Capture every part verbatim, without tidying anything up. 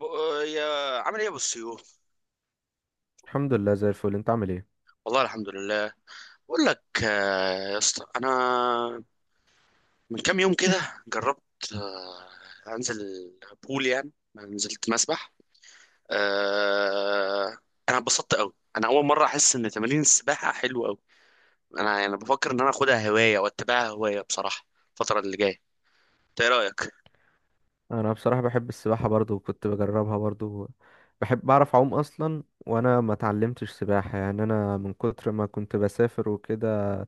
ب- يا عامل ايه يا ابو السيوف. الحمد لله زي الفل، انت عامل ايه؟ والله الحمد لله. بقول لك آه، يا اسطى انا من كام يوم كده جربت، آه، انزل بول، يعني نزلت مسبح. آه، انا اتبسطت قوي، انا اول مره احس ان تمارين السباحه حلوه قوي. انا يعني بفكر ان انا اخدها هوايه واتبعها هوايه بصراحه الفتره اللي جايه. إنت ايه رايك؟ انا بصراحه بحب السباحه برضو وكنت بجربها برضو. بحب بعرف اعوم اصلا، وانا ما اتعلمتش سباحه، يعني انا من كتر ما كنت بسافر وكده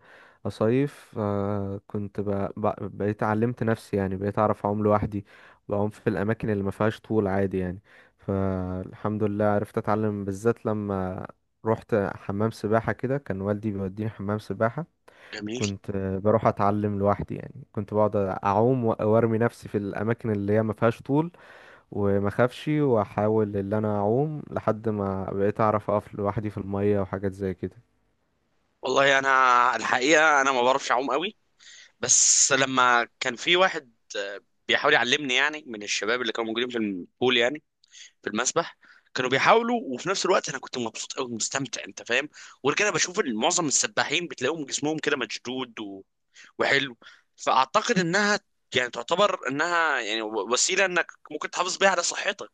اصيف، آه، كنت ب... ب... بقيت علمت نفسي. يعني بقيت اعرف اعوم لوحدي، بعوم في الاماكن اللي ما فيهاش طول عادي يعني. فالحمد لله عرفت اتعلم بالذات لما رحت حمام سباحه كده، كان والدي بيوديني حمام سباحه. جميل. كنت آه، بروح اتعلم لوحدي، يعني كنت بقعد اعوم و- وارمي نفسي في الاماكن اللي هي ما فيهاش طول، وما اخافش واحاول ان انا اعوم لحد ما بقيت اعرف اقف لوحدي في الميه وحاجات زي كده. والله انا الحقيقه انا ما بعرفش اعوم قوي، بس لما كان في واحد آه، بيحاول يعلمني، يعني من الشباب اللي كانوا موجودين في البول، يعني في المسبح، كانوا بيحاولوا، وفي نفس الوقت انا كنت مبسوط قوي، مستمتع، انت فاهم. وغير كده بشوف إن معظم السباحين بتلاقيهم جسمهم كده مشدود و... وحلو، فاعتقد انها يعني تعتبر انها يعني و- وسيله انك ممكن تحافظ بيها على صحتك،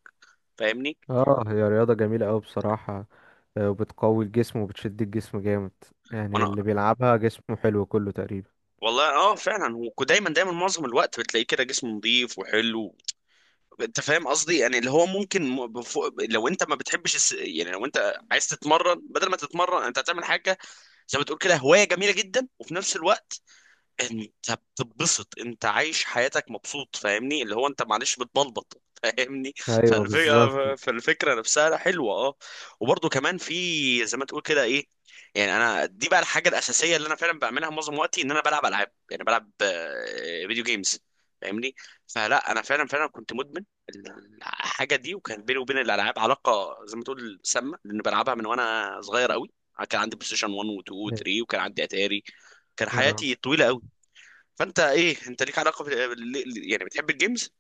فاهمني. اه، هي رياضه جميله قوي بصراحه. آه، وبتقوي الجسم وبتشد الجسم جامد، يعني وانا اللي بيلعبها جسمه حلو كله تقريبا. والله اه فعلا، ودايما دايما معظم الوقت بتلاقيه كده جسم نظيف وحلو. انت فاهم قصدي، يعني اللي هو ممكن م- بفوق لو انت ما بتحبش الس... يعني لو انت عايز تتمرن، بدل ما تتمرن انت هتعمل حاجه زي ما تقول كده هوايه جميله جدا، وفي نفس الوقت انت بتتبسط، انت عايش حياتك مبسوط، فاهمني، اللي هو انت معلش بتبلبط، فاهمني. ايوه بالظبط. فالفكرة فالفكرة نفسها حلوة اه. وبرضه كمان في زي ما تقول كده ايه، يعني انا دي بقى الحاجة الأساسية اللي انا فعلا بعملها معظم وقتي، ان انا بلعب العاب، يعني بلعب آه، فيديو جيمز، فاهمني. فلا انا فعلا فعلا كنت مدمن الحاجة دي، وكان بيني وبين الالعاب علاقة زي ما تقول سامة، لان بلعبها من وانا صغير قوي. كان عندي بلاي ستيشن واحد و2 أيوة. و3، وكان عندي اتاري، كان اه. حياتي طويلة. فانت ايه، انت ليك علاقه بال- ليه- يعني بتحب الجيمز؟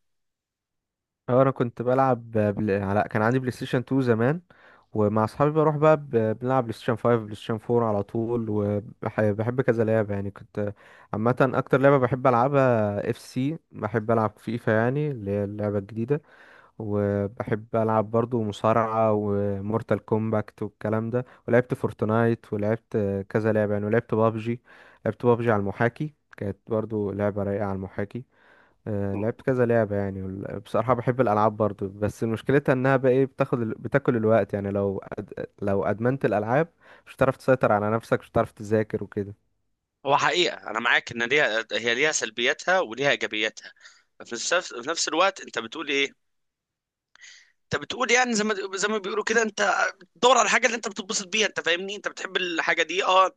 آه، انا كنت بلعب بل... على كان عندي بلاي ستيشن اتنين زمان، ومع اصحابي بروح بقى ب- بنلعب بلاي ستيشن خمسة بلاي ستيشن أربعة على طول، وبحب كذا لعبه يعني. كنت عامه اكتر لعبه بحب العبها اف سي، بحب العب فيفا، يعني اللي هي اللعبه الجديده. وبحب العب برضو مصارعه ومورتال كومباكت والكلام ده، ولعبت فورتنايت ولعبت كذا لعبه يعني، ولعبت بابجي. لعبت بابجي على المحاكي، كانت برضو لعبه رايقه على المحاكي. آه، لعبت كذا لعبة يعني. وال- بصراحة بحب الألعاب برضو، بس مشكلتها إنها بقى إيه، بتاخد ال... بتاكل الوقت. يعني لو أد... لو أدمنت الألعاب مش هتعرف تسيطر على نفسك، مش هتعرف تذاكر وكده. هو حقيقه انا معاك ان ليها، هي ليها سلبياتها وليها ايجابياتها. في نفس في نفس الوقت انت بتقول ايه، انت بتقول يعني زي ما زي ما بيقولوا كده، انت بتدور على الحاجه اللي انت بتتبسط بيها، انت فاهمني، انت بتحب الحاجه دي اه.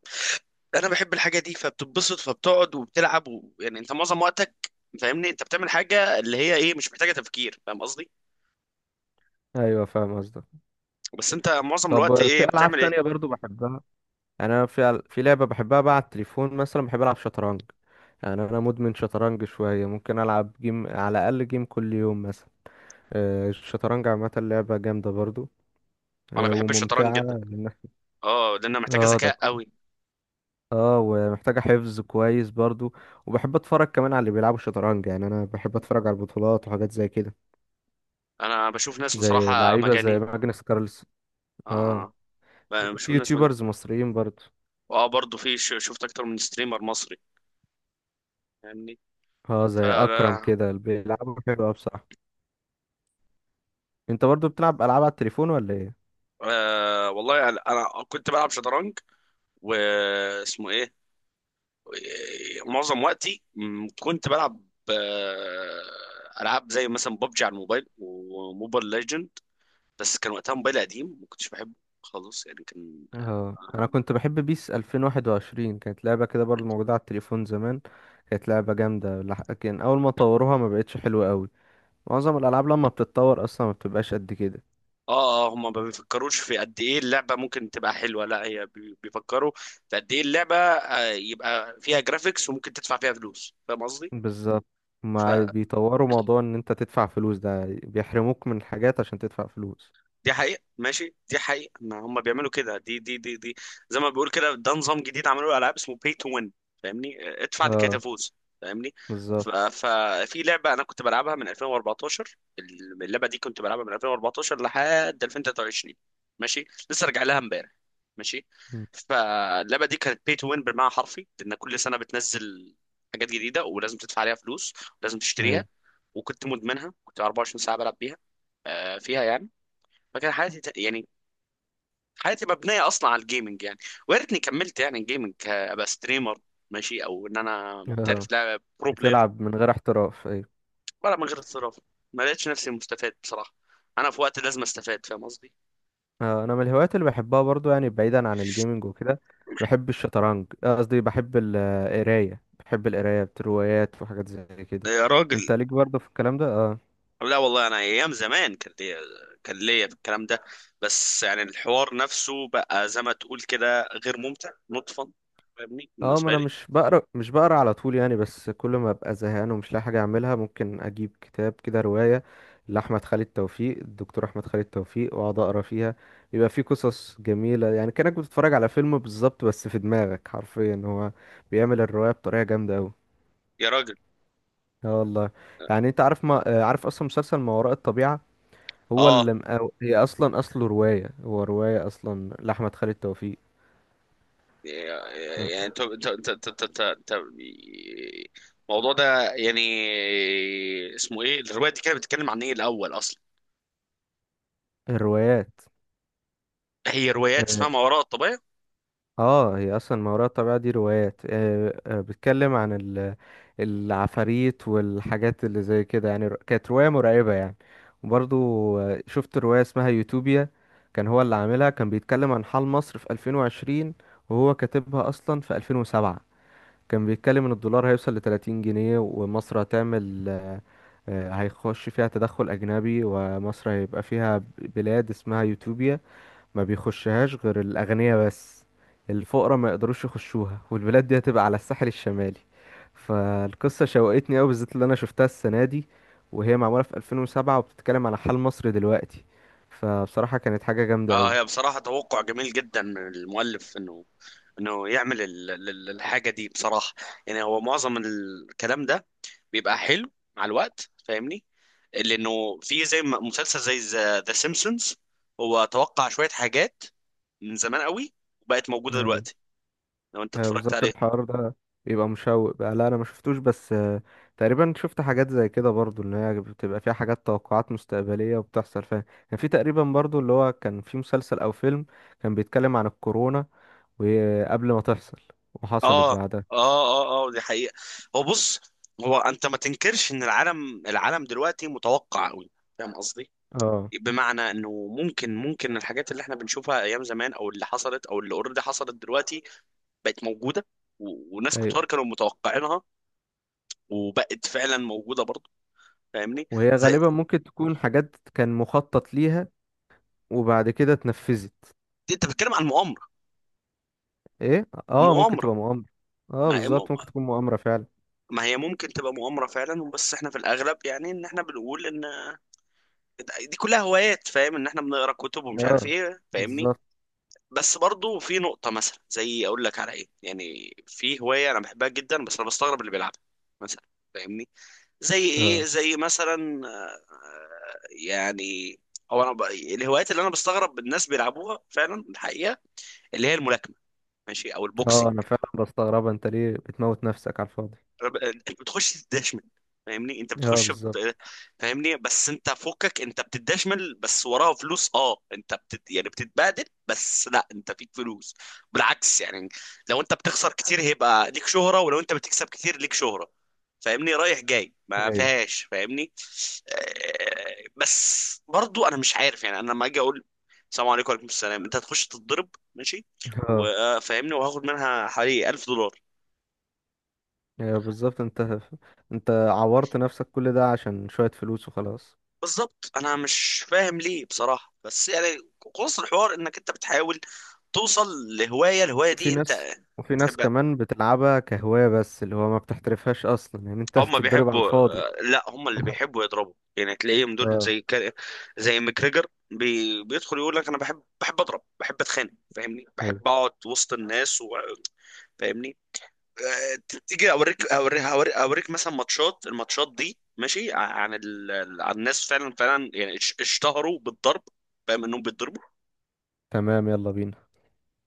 انا بحب الحاجه دي، فبتتبسط، فبتقعد وبتلعب و... يعني انت معظم وقتك فاهمني انت بتعمل حاجه اللي هي ايه مش محتاجه تفكير، فاهم قصدي. أيوة، فاهم قصدك. بس انت معظم الوقت طب في ايه ألعاب بتعمل ايه؟ تانية برضو بحبها، يعني أنا في أل- في لعبة بحبها بقى على التليفون مثلا، بحب ألعب شطرنج. يعني أنا مدمن شطرنج شوية، ممكن ألعب جيم على الأقل، جيم كل يوم مثلا. آه، الشطرنج عامة لعبة جامدة برضو، انا آه، بحب الشطرنج وممتعة. جدا، اه، لانه محتاجه اه ده. ذكاء قوي. اه، ومحتاجة حفظ كويس برضو. وبحب اتفرج كمان على اللي بيلعبوا شطرنج، يعني انا بحب اتفرج على البطولات وحاجات زي كده، انا بشوف ناس زي بصراحه لعيبة زي مجانين. ماجنس كارلس. اه. اه، ب- في بشوف ناس مجانين. يوتيوبرز مصريين برضو. واه برضه في ش- شفت اكتر من ستريمر مصري، فاهمني. اه، زي اكرم فانا كده اللي بيلعبوا حلو أوي بصراحة. انت برضو بتلعب العاب على التليفون ولا ايه؟ آه والله يعني انا كنت بلعب شطرنج، واسمه ايه، معظم وقتي م، كنت بلعب آه، العاب زي مثلا ببجي على الموبايل وموبايل ليجند، بس كان وقتها موبايل قديم ما كنتش بحبه خالص يعني كان. اه، آه، انا كنت بحب بيس ألفين وواحد وعشرين، كانت لعبة كده برضو موجودة على التليفون زمان. كانت لعبة جامدة لح- لكن اول ما طوروها ما بقتش حلوة قوي. معظم الالعاب لما بتتطور اصلا ما بتبقاش قد كده. اه اه هما ما بيفكروش في قد ايه اللعبه ممكن تبقى حلوه، لا هي بي- بيفكروا في قد ايه اللعبه آه، يبقى فيها جرافيكس وممكن تدفع فيها فلوس، فاهم قصدي؟ بالظبط. ما بيطوروا موضوع ان انت تدفع فلوس ده، بيحرموك من حاجات عشان تدفع فلوس. دي حقيقة، ماشي، دي حقيقة، ما هم بيعملوا كده. دي دي دي دي زي ما بيقول كده ده نظام جديد عملوه العاب اسمه pay to win، فاهمني، ادفع لكي اه، تفوز، فاهمني. ف- بالظبط. ففي لعبة انا كنت بلعبها من ألفين وأربعتاشر. اللعبة دي كنت بلعبها من ألفين وأربعتاشر لحد ألفين وتلاتة وعشرين، ماشي، لسه راجع لها امبارح، ماشي. مم. فاللعبة دي كانت pay to win بالمعنى الحرفي، لان كل سنة بتنزل حاجات جديدة ولازم تدفع عليها فلوس، ولازم ايوه. تشتريها. وكنت مدمنها، كنت أربعة وعشرين ساعة بلعب بيها، آه، فيها يعني. فكان حياتي ت- يعني حياتي مبنيه اصلا على الجيمنج يعني، ويا ريتني كملت يعني جيمنج، ك- ابقى ستريمر، ماشي، او ان انا اه، محترف لاعب برو بلاير. بتلعب من غير احتراف، ايوه. ولا من غير احتراف، ما لقيتش نفسي مستفاد بصراحه، انا في وقت لازم استفاد، فاهم قصدي. آه، انا من الهوايات اللي بحبها برضو، يعني بعيدا عن الجيمنج وكده بحب الشطرنج، آه، قصدي بحب ال- آه، القرايه، بحب القرايه روايات وحاجات زي كده. يا انت راجل. ليك برضو في الكلام ده؟ اه. لا والله انا ايام زمان كان ليا، كان ليا في الكلام ده، بس يعني الحوار نفسه بقى زي ما تقول كده غير ممتع نطفا، فاهمني، اه، ما بالنسبه انا لي. مش بقرا مش بقرا على طول يعني، بس كل ما ابقى زهقان ومش لاقي حاجه اعملها ممكن اجيب كتاب كده روايه لاحمد خالد توفيق، الدكتور احمد خالد توفيق، واقعد اقرا فيها. بيبقى فيه قصص جميله يعني، كانك بتتفرج على فيلم بالظبط، بس في دماغك حرفيا هو بيعمل الروايه بطريقه جامده قوي. يا راجل، اه والله. يعني انت عارف، ما آه، عارف اصلا مسلسل ما وراء الطبيعه؟ هو اه. اللي مقاو... هي اصلا اصله روايه، هو روايه اصلا لاحمد خالد توفيق. يعني انت انت انت انت انت- انت- انت- الموضوع ده يعني اسمه ايه؟ الروايه دي كانت بتتكلم عن ايه الاول اصلا؟ فالروايات، هي روايات اسمها ما وراء الطبيعه. اه، هي اصلا ما وراء الطبيعة دي روايات، آه، آه، بتتكلم عن ال- العفاريت والحاجات اللي زي كده، يعني ر- كانت رواية مرعبة يعني. وبرضو آه، شفت رواية اسمها يوتوبيا. كان هو اللي عاملها، كان بيتكلم عن حال مصر في ألفين وعشرين، وهو كاتبها اصلا في ألفين وسبعة. كان بيتكلم ان الدولار هيوصل ل تلاتين جنيه، ومصر هتعمل آه، آه، هيخش فيها تدخل اجنبي، ومصر هيبقى فيها ب- بلاد اسمها يوتوبيا، ما بيخشهاش غير الأغنياء بس. الفقراء ما يقدروش يخشوها، والبلاد دي هتبقى على الساحل الشمالي. فالقصة شوقتني أوي بالذات اللي أنا شفتها السنة دي، وهي معمولة في ألفين وسبعة وبتتكلم على حال مصر دلوقتي. فبصراحة كانت حاجة جامدة اه، أوي. هي بصراحه توقع جميل جدا من المؤلف، انه انه يعمل ال- ال- الحاجه دي بصراحه. يعني هو معظم الكلام ده بيبقى حلو مع الوقت، فاهمني، لانه في زي ما- مسلسل زي ذا سيمبسونز، هو توقع شويه حاجات من زمان قوي وبقت موجوده أيوة. دلوقتي، لو انت هي اتفرجت بالظبط عليها. الحوار ده بيبقى مشوق بقى. لا، أنا ما شفتوش، بس آه، تقريبا شفت حاجات زي كده برضو، إن هي بتبقى فيها حاجات توقعات مستقبلية وبتحصل فيها. كان في تقريبا برضو اللي هو كان في مسلسل أو فيلم، كان بيتكلم عن الكورونا وقبل ما تحصل وحصلت اه اه بعدها. اه اه دي حقيقة. هو بص، هو انت ما تنكرش ان العالم العالم دلوقتي متوقع قوي، فاهم قصدي. اه. بمعنى انه ممكن ممكن الحاجات اللي احنا بنشوفها ايام زمان، او اللي حصلت، او اللي اوريدي حصلت دلوقتي بقت موجودة، و- وناس ايوه. كتار كانوا متوقعينها وبقت فعلا موجودة برضه، فاهمني. وهي زي. غالبا ممكن تكون حاجات كان مخطط ليها، وبعد كده اتنفذت. دي انت بتتكلم عن مؤامرة. ايه، اه ممكن مؤامرة. تبقى مؤامرة. اه ما بالظبط، ممكن تكون مؤامرة فعلا. ما هي ممكن تبقى مؤامرة فعلا، بس احنا في الاغلب يعني ان احنا بنقول ان دي كلها هوايات، فاهم ان احنا بنقرا كتب ومش عارف اه ايه، فاهمني. بالظبط. بس برضو في نقطة، مثلا زي أقول لك على إيه، يعني في هواية أنا بحبها جدا بس أنا بستغرب اللي بيلعبها مثلا، فاهمني، زي إيه، اه، زي مثلا، آه، يعني هو أنا ب... الهوايات اللي أنا بستغرب الناس بيلعبوها فعلا الحقيقة، اللي هي الملاكمة، ماشي، أو اه، البوكسنج. انا فعلا بستغربها، انت ليه بتموت نفسك على الفاضي؟ انت بتخش تدشمل، فاهمني، انت اه، بتخش بالظبط. بت- فاهمني. بس انت فكك، انت بتدشمل بس وراها فلوس، اه انت بتت... يعني بتتبهدل بس، لا انت فيك فلوس، بالعكس يعني. لو انت بتخسر كتير هيبقى ليك شهرة، ولو انت بتكسب كتير ليك شهرة، فاهمني، رايح جاي ما ايوه. فيهاش، فاهمني. آه، بس برضو انا مش عارف، يعني انا لما اجي اقول السلام عليكم وعليكم السلام، انت هتخش تتضرب، ماشي، اه، وفاهمني، وهاخد منها حوالي ألف دولار. ايوه بالظبط، انت انت عورت نفسك كل ده عشان شوية فلوس وخلاص. بالظبط، انا مش فاهم ليه بصراحه، بس يعني خلاص الحوار انك انت بتحاول توصل لهوايه، الهوايه وفي دي انت ناس، وفي ناس تحبها. كمان بتلعبها كهواية، بس اللي هو ما بتحترفهاش أصلا، يعني أنت هم بتتضرب على بيحبوا، الفاضي. لا هم اللي بيحبوا يضربوا، يعني تلاقيهم دول اه. زي كا- زي ماكريجر بي... بيدخل يقول لك انا بحب بحب اضرب، بحب اتخانق، فاهمني، ايوه. بحب اقعد وسط الناس و... فاهمني. آه، تيجي اوريك اوريك هوريك اوريك مثلا ماتشات الماتشات دي ماشي عن ال... عن الناس فعلا فعلا يعني اش- اشتهروا بالضرب، فاهم انهم بيتضربوا. تمام، يلا بينا.